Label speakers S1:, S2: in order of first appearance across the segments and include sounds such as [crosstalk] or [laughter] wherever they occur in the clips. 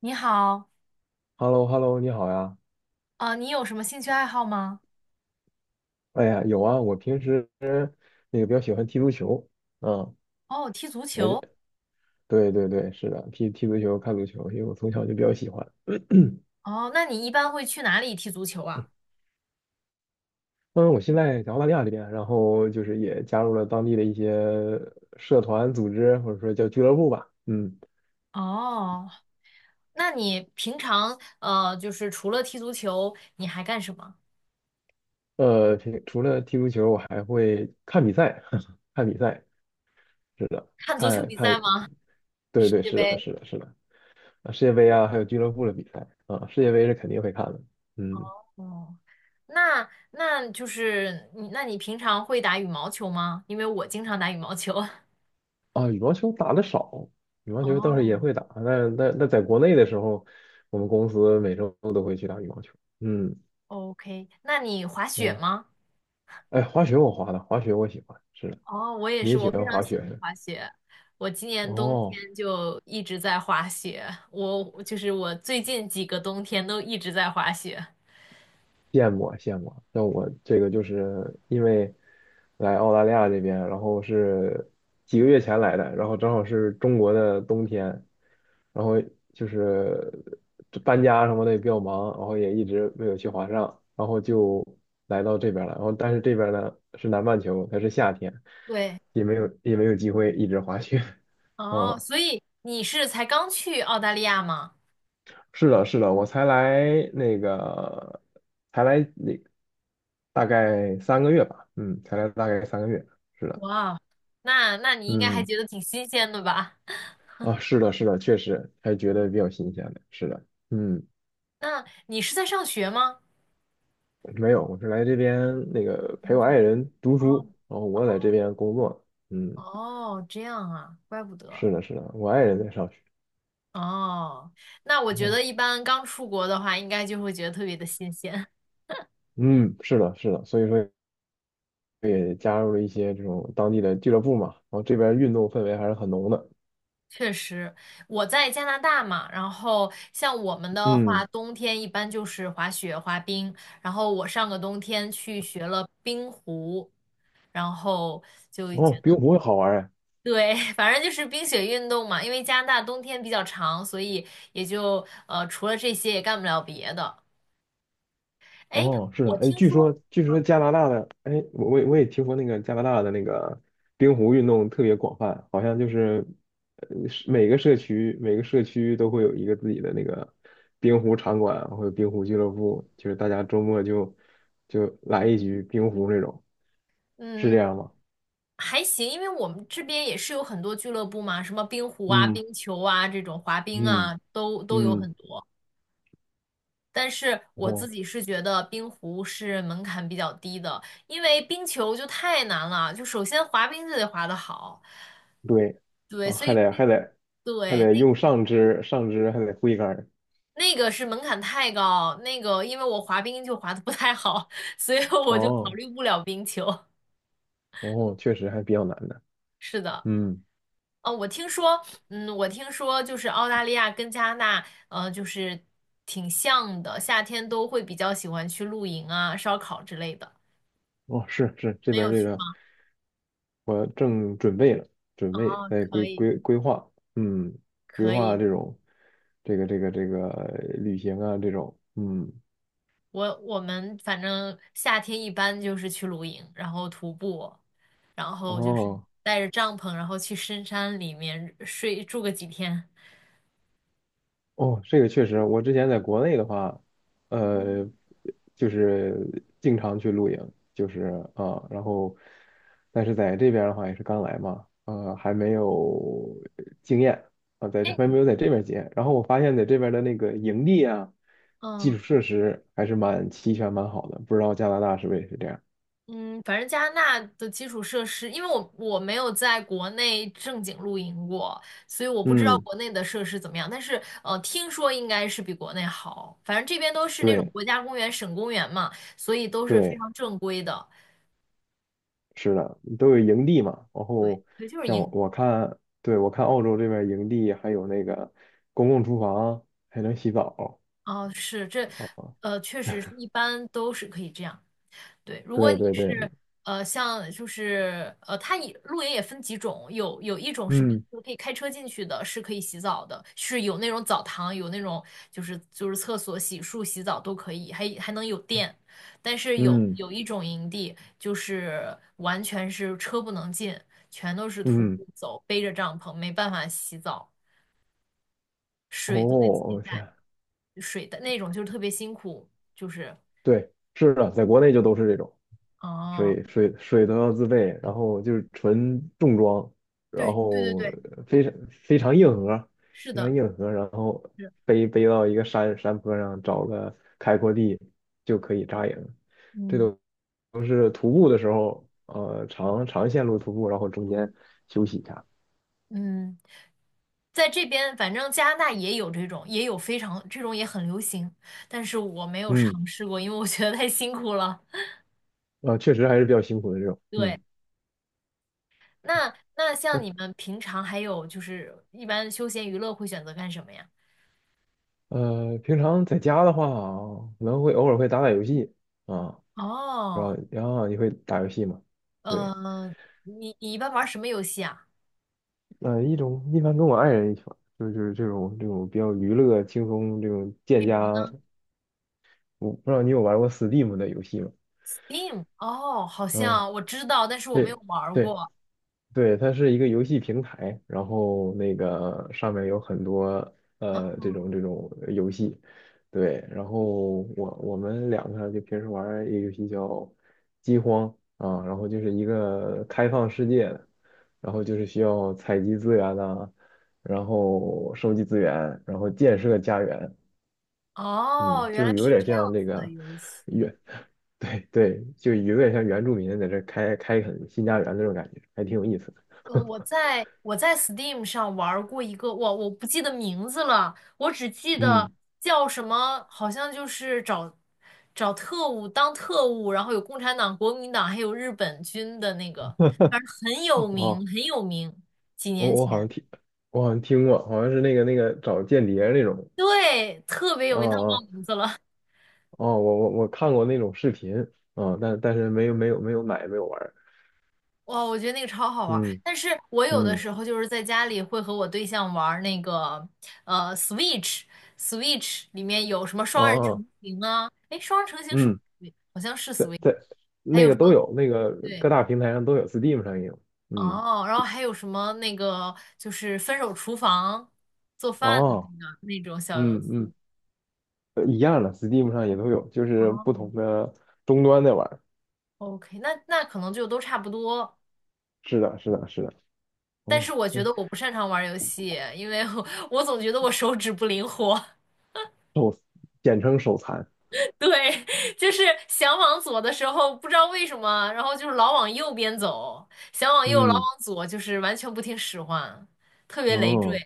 S1: 你好，
S2: h e l l o h e l l o 你好呀。
S1: 你有什么兴趣爱好吗？
S2: 哎呀，有啊，我平时那个比较喜欢踢足球。嗯，
S1: 哦，踢足
S2: 还是
S1: 球。
S2: 对对对，是的，踢踢足球、看足球，因为我从小就比较喜欢。
S1: 哦，那你一般会去哪里踢足球啊？
S2: 嗯，我现在在澳大利亚这边，然后就是也加入了当地的一些社团组织，或者说叫俱乐部吧。
S1: 哦，那你平常就是除了踢足球，你还干什么？
S2: 平除了踢足球，我还会看比赛，[laughs] 看比赛，是的，
S1: 看足球
S2: 看
S1: 比赛
S2: 看，
S1: 吗？
S2: 对
S1: 世
S2: 对，
S1: 界
S2: 是的，
S1: 杯？
S2: 是的，是的，啊世界杯啊，还有俱乐部的比赛啊，世界杯是肯定会看的。嗯。
S1: 哦，那就是你，那你平常会打羽毛球吗？因为我经常打羽毛球。[laughs]
S2: 啊，羽毛球打的少，羽毛球倒是也
S1: 哦
S2: 会打，但在国内的时候，我们公司每周都会去打羽毛球。嗯
S1: ，OK，那你滑雪
S2: 嗯，
S1: 吗？
S2: 哎，滑雪我滑的，滑雪我喜欢，是的，
S1: 哦，我也
S2: 你也
S1: 是，
S2: 喜
S1: 我非
S2: 欢
S1: 常
S2: 滑
S1: 喜
S2: 雪是
S1: 欢
S2: 吧？
S1: 滑雪。我今年冬
S2: 哦。
S1: 天就一直在滑雪，我就是我最近几个冬天都一直在滑雪。
S2: 羡慕啊羡慕啊！像我这个就是因为来澳大利亚这边，然后是几个月前来的，然后正好是中国的冬天，然后就是这搬家什么的也比较忙，然后也一直没有去华上，然后就来到这边了。然后但是这边呢是南半球，它是夏天，
S1: 对，
S2: 也没有也没有机会一直滑雪。[laughs]
S1: 哦，
S2: 嗯，
S1: 所以你是才刚去澳大利亚吗？
S2: 是的，是的，我才来那个，才来那大概三个月吧，嗯，才来大概三个月，是的，
S1: 哇，那你应该还
S2: 嗯，
S1: 觉得挺新鲜的吧？[laughs]
S2: 啊，是的，是的，确实还觉得比较新鲜的，是的，嗯，
S1: 那你是在上学吗？
S2: 没有，我是来这边那个陪
S1: 工
S2: 我爱
S1: 作。
S2: 人读
S1: 哦
S2: 书，然后我在这边工作，嗯，
S1: 哦，这样啊，怪不得。
S2: 是的，是的，我爱人在上学。
S1: 哦，那我觉得
S2: 哦，
S1: 一般刚出国的话，应该就会觉得特别的新鲜。
S2: 嗯，是的，是的，所以说也加入了一些这种当地的俱乐部嘛，然后这边运动氛围还是很浓的。
S1: 确实，我在加拿大嘛，然后像我们的话，
S2: 嗯，
S1: 冬天一般就是滑雪、滑冰，然后我上个冬天去学了冰壶，然后就觉
S2: 哦，
S1: 得，
S2: 冰壶好玩儿哎。
S1: 对，[laughs] 反正就是冰雪运动嘛，因为加拿大冬天比较长，所以也就除了这些也干不了别的。哎，
S2: 哦，是的，
S1: 我
S2: 哎，
S1: 听
S2: 据
S1: 说，
S2: 说据说加拿大的，哎，我也听说那个加拿大的那个冰壶运动特别广泛，好像就是，呃，是每个社区都会有一个自己的那个冰壶场馆啊或者冰壶俱乐部，就是大家周末就来一局冰壶那种，是这
S1: 嗯。
S2: 样吗？
S1: 还行，因为我们这边也是有很多俱乐部嘛，什么冰壶啊、
S2: 嗯
S1: 冰球啊这种滑冰
S2: 嗯
S1: 啊，都有
S2: 嗯，
S1: 很多。但是我自
S2: 哦，
S1: 己是觉得冰壶是门槛比较低的，因为冰球就太难了，就首先滑冰就得滑得好，
S2: 对，
S1: 对，
S2: 哦，
S1: 所
S2: 还
S1: 以
S2: 得
S1: 冰，
S2: 还得还
S1: 对，
S2: 得
S1: 那
S2: 用上肢还得挥杆儿。
S1: 那个是门槛太高，那个因为我滑冰就滑得不太好，所以我就考
S2: 哦
S1: 虑不了冰球。
S2: 哦，确实还比较难的，
S1: 是的，
S2: 嗯。
S1: 我听说，嗯，我听说就是澳大利亚跟加拿大，就是挺像的，夏天都会比较喜欢去露营啊、烧烤之类的。
S2: 哦，是是，这
S1: 没
S2: 边儿
S1: 有
S2: 这
S1: 去
S2: 个
S1: 吗？
S2: 我正准备了，准备
S1: 哦，
S2: 在
S1: 可
S2: 规
S1: 以。
S2: 规规划，嗯，规
S1: 可
S2: 划
S1: 以，
S2: 这种这个旅行啊这种，嗯，
S1: 我们反正夏天一般就是去露营，然后徒步，然后就是
S2: 哦，
S1: 带着帐篷，然后去深山里面睡住个几天。
S2: 哦，这个确实，我之前在国内的话，呃，就是经常去露营，就是啊，然后，但是在这边的话也是刚来嘛，呃，还没有经验啊，在这
S1: 哎，
S2: 还没有在这边经验。然后我发现在这边的那个营地啊，
S1: 嗯
S2: 基础设施还是蛮齐全、蛮好的，不知道加拿大是不是也是这样？
S1: 嗯，反正加拿大的基础设施，因为我没有在国内正经露营过，所以我不知道
S2: 嗯，
S1: 国内的设施怎么样。但是听说应该是比国内好，反正这边都是那种
S2: 对
S1: 国家公园、省公园嘛，所以都是非
S2: 对。
S1: 常正规的。
S2: 是的，都有营地嘛。然
S1: 对
S2: 后
S1: 对，就是
S2: 像我
S1: 营。
S2: 我看，对，我看澳洲这边营地还有那个公共厨房，还能洗澡
S1: 哦，是这，
S2: 啊。
S1: 确实是一般都是可以这样。对，如果
S2: 对
S1: 你
S2: 对对，
S1: 是像就是它也露营也分几种，有一种是比
S2: 嗯
S1: 如可以开车进去的，是可以洗澡的，是有那种澡堂，有那种就是厕所、洗漱、洗澡都可以，还能有电。但是有
S2: 嗯
S1: 有一种营地，就是完全是车不能进，全都是徒
S2: 嗯，
S1: 步走，背着帐篷，没办法洗澡，
S2: 哦，
S1: 水都得自己
S2: 我天，
S1: 带。水的那种，就是特别辛苦，就是
S2: 对，是的，在国内就都是这种。
S1: 哦，
S2: 水都要自备，然后就是纯重装，然
S1: 对对对
S2: 后
S1: 对，
S2: 非常非常硬核，
S1: 是
S2: 非
S1: 的，
S2: 常硬核，然后
S1: 是，
S2: 背背到一个山坡上找个开阔地就可以扎营，这
S1: 嗯
S2: 都都是徒步的时候，呃，长长线路徒步，然后中间休息一下，
S1: 嗯，在这边反正加拿大也有这种，也有非常这种也很流行，但是我没有
S2: 嗯，
S1: 尝试过，因为我觉得太辛苦了。
S2: 呃，确实还是比较辛苦的这种，
S1: 对，
S2: 嗯，
S1: 那像你们平常还有就是一般休闲娱乐会选择干什么呀？
S2: 呃，平常在家的话，可能会偶尔会打打游戏啊，然
S1: 哦，
S2: 后然后你会打游戏吗？对。
S1: 呃，你一般玩什么游戏啊？
S2: 呃，一般跟我爱人一起玩，就是这种比较娱乐、轻松这种建
S1: 比如呢
S2: 家。我不知道你有玩过 Steam 的游戏吗？
S1: ？Steam？哦，好
S2: 啊、
S1: 像我知道，但是我没有
S2: 对
S1: 玩儿
S2: 对，
S1: 过。
S2: 对，它是一个游戏平台，然后那个上面有很多呃这种游戏，对，然后我们两个就平时玩儿一个游戏叫《饥荒》啊，然后就是一个开放世界的，然后就是需要采集资源呐、然后收集资源，然后建设家园，
S1: 哦，
S2: 嗯，
S1: 原
S2: 就
S1: 来
S2: 有
S1: 是
S2: 点
S1: 这
S2: 像
S1: 样
S2: 这
S1: 子的
S2: 个
S1: 游戏。
S2: 原，[laughs] 对对，就有点像原住民在这开开垦新家园那种感觉，还挺有意思的。
S1: 我在 Steam 上玩儿过一个，我不记得名字了，我只记得
S2: 嗯。
S1: 叫什么，好像就是找特务当特务，然后有共产党、国民党，还有日本军的那个，反正很有名，
S2: 哦，
S1: 很有名。几
S2: 我
S1: 年
S2: 我
S1: 前，
S2: 好像听，我好像听过，好像是那个找间谍那种，
S1: 对，特别有
S2: 啊
S1: 名，但我忘
S2: 啊
S1: 名字了。
S2: 哦，我看过那种视频，啊，但但是没有买没有玩儿，
S1: 哇，我觉得那个超好玩儿，
S2: 嗯
S1: 但是我有的
S2: 嗯
S1: 时候就是在家里会和我对象玩儿那个Switch，Switch 里面有什么
S2: 啊
S1: 双人
S2: 啊
S1: 成行啊？哎，双人成行是不
S2: 嗯，
S1: 是好像是
S2: 在
S1: Switch，
S2: 在
S1: 还
S2: 那
S1: 有
S2: 个
S1: 什
S2: 都
S1: 么？
S2: 有，那个
S1: 对，
S2: 各大平台上都有，Steam 上也有，嗯
S1: 哦，然后还有什么那个就是分手厨房做饭的
S2: 哦
S1: 那个那种小游
S2: 嗯
S1: 戏。
S2: 嗯呃一样的，Steam 上也都有，就是不
S1: 哦
S2: 同的终端在玩儿，
S1: ，OK，那那可能就都差不多，
S2: 是的是的是的，
S1: 但
S2: 哦，
S1: 是我觉
S2: 对。
S1: 得我不擅长玩儿游戏，因为我 [laughs] 我总觉得我手指不灵活。
S2: 手简称手残，
S1: [laughs] 对，就是想往左的时候，不知道为什么，然后就是老往右边走，想往右，老
S2: 嗯
S1: 往左，就是完全不听使唤，特别累赘。
S2: 哦。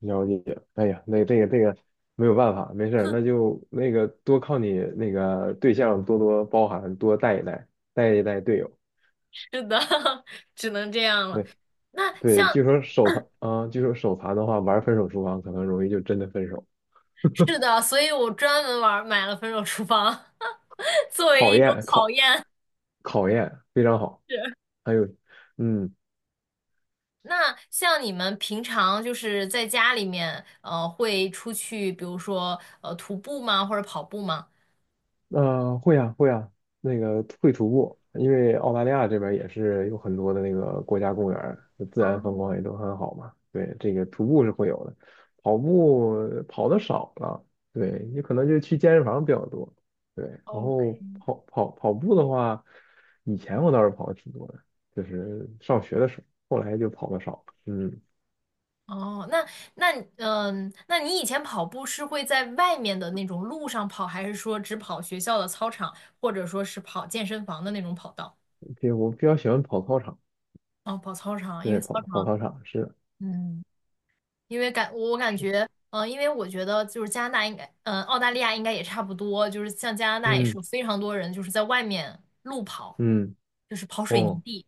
S2: 了解，哎呀，那这个这个没有办法，没事儿，那就那个多靠你那个对象多多包涵，多带一带，带一带队友。
S1: 是的，[laughs] 只能这样了。
S2: 对
S1: 那
S2: 对，
S1: 像
S2: 据说手残啊、据说手残的话，玩分手厨房可能容易就真的分手，
S1: 是的，所以我专门玩买了《分手厨房》[laughs] 作为
S2: 考
S1: 一种
S2: 验
S1: 考
S2: 考
S1: 验。
S2: 考验非常好。
S1: 是。
S2: 还有，嗯，
S1: 那像你们平常就是在家里面，会出去，比如说徒步吗，或者跑步吗？
S2: 呃，会啊，会啊，那个会徒步，因为澳大利亚这边也是有很多的那个国家公园儿自然风
S1: 啊
S2: 光也都很好嘛。对，这个徒步是会有的，跑步跑的少了，对，你可能就去健身房比较多。对，然
S1: 哦
S2: 后跑步的话，以前我倒是跑的挺多的，就是上学的时候，后来就跑的少了。嗯，
S1: 哦，那那嗯，那你以前跑步是会在外面的那种路上跑，还是说只跑学校的操场，或者说是跑健身房的那种跑道？
S2: 比我比较喜欢跑操场，
S1: 哦，跑操场，因为
S2: 对，
S1: 操
S2: 跑跑
S1: 场，
S2: 操场是的
S1: 嗯，因为我感觉，嗯、因为我觉得就是加拿大应该，嗯、澳大利亚应该也差不多，就是像加拿大也是
S2: 嗯
S1: 有非常多人就是在外面路跑，
S2: 嗯。
S1: 就是跑水泥
S2: 哦。
S1: 地，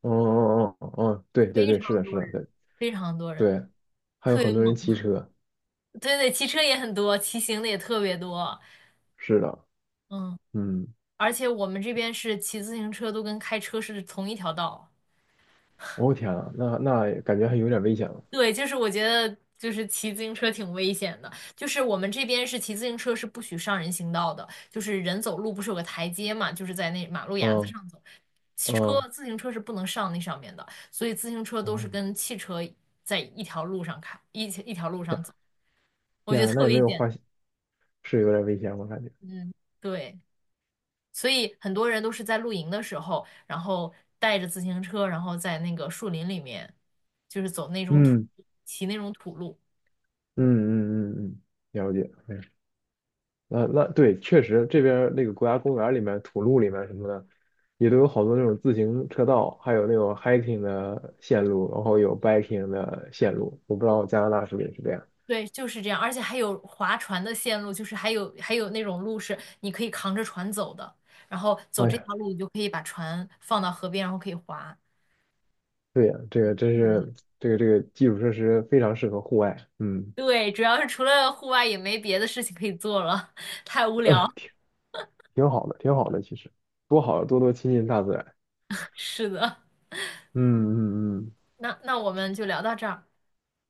S2: 哦哦哦哦，哦，对对
S1: 非
S2: 对，是
S1: 常
S2: 的，是
S1: 多
S2: 的，
S1: 人，
S2: 对
S1: 非常多人，
S2: 对，还有
S1: 特别
S2: 很多人
S1: 猛。
S2: 骑
S1: [laughs]
S2: 车，
S1: 对对，骑车也很多，骑行的也特别多，
S2: 是的，
S1: 嗯。
S2: 嗯，
S1: 而且我们这边是骑自行车都跟开车是同一条道。
S2: 哦天啊，那那感觉还有点危险了，
S1: 对，就是我觉得就是骑自行车挺危险的，就是我们这边是骑自行车是不许上人行道的，就是人走路不是有个台阶嘛，就是在那马路牙子
S2: 嗯
S1: 上走，车
S2: 嗯，
S1: 自行车是不能上那上面的，所以自行车都是
S2: 哦
S1: 跟汽车在一条路上开，一条路
S2: 天
S1: 上走，
S2: 啊
S1: 我
S2: 天
S1: 觉
S2: 啊
S1: 得
S2: 那
S1: 特
S2: 也没
S1: 危
S2: 有花，
S1: 险。
S2: 是有点危险，我感觉，
S1: 嗯，对。所以很多人都是在露营的时候，然后带着自行车，然后在那个树林里面，就是走那种土，
S2: 嗯
S1: 骑那种土路。
S2: 嗯嗯嗯嗯，了解，哎，那那对，确实这边儿那个国家公园里面、土路里面什么的，也都有好多那种自行车道，还有那种 hiking 的线路，然后有 biking 的线路，我不知道加拿大是不是也是这样。
S1: 对，就是这样，而且还有划船的线路，就是还有那种路是你可以扛着船走的，然后走
S2: 哎
S1: 这
S2: 呀。
S1: 条路，你就可以把船放到河边，然后可以划。
S2: 对呀，这个真
S1: 嗯，
S2: 是这个基础设施非常适合户外，嗯，
S1: 对，主要是除了户外也没别的事情可以做了，[laughs] 太无
S2: 呃
S1: 聊。
S2: 挺挺好的，挺好的，其实多好，多多亲近大自然。
S1: [laughs] 是的，
S2: 嗯嗯嗯，
S1: 那那我们就聊到这儿。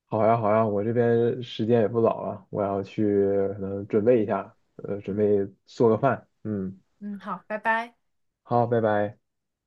S2: 好呀好呀，我这边时间也不早了，我要去可能准备一下，呃，准备做个饭。嗯，
S1: 嗯，好，拜拜。
S2: 好，拜拜。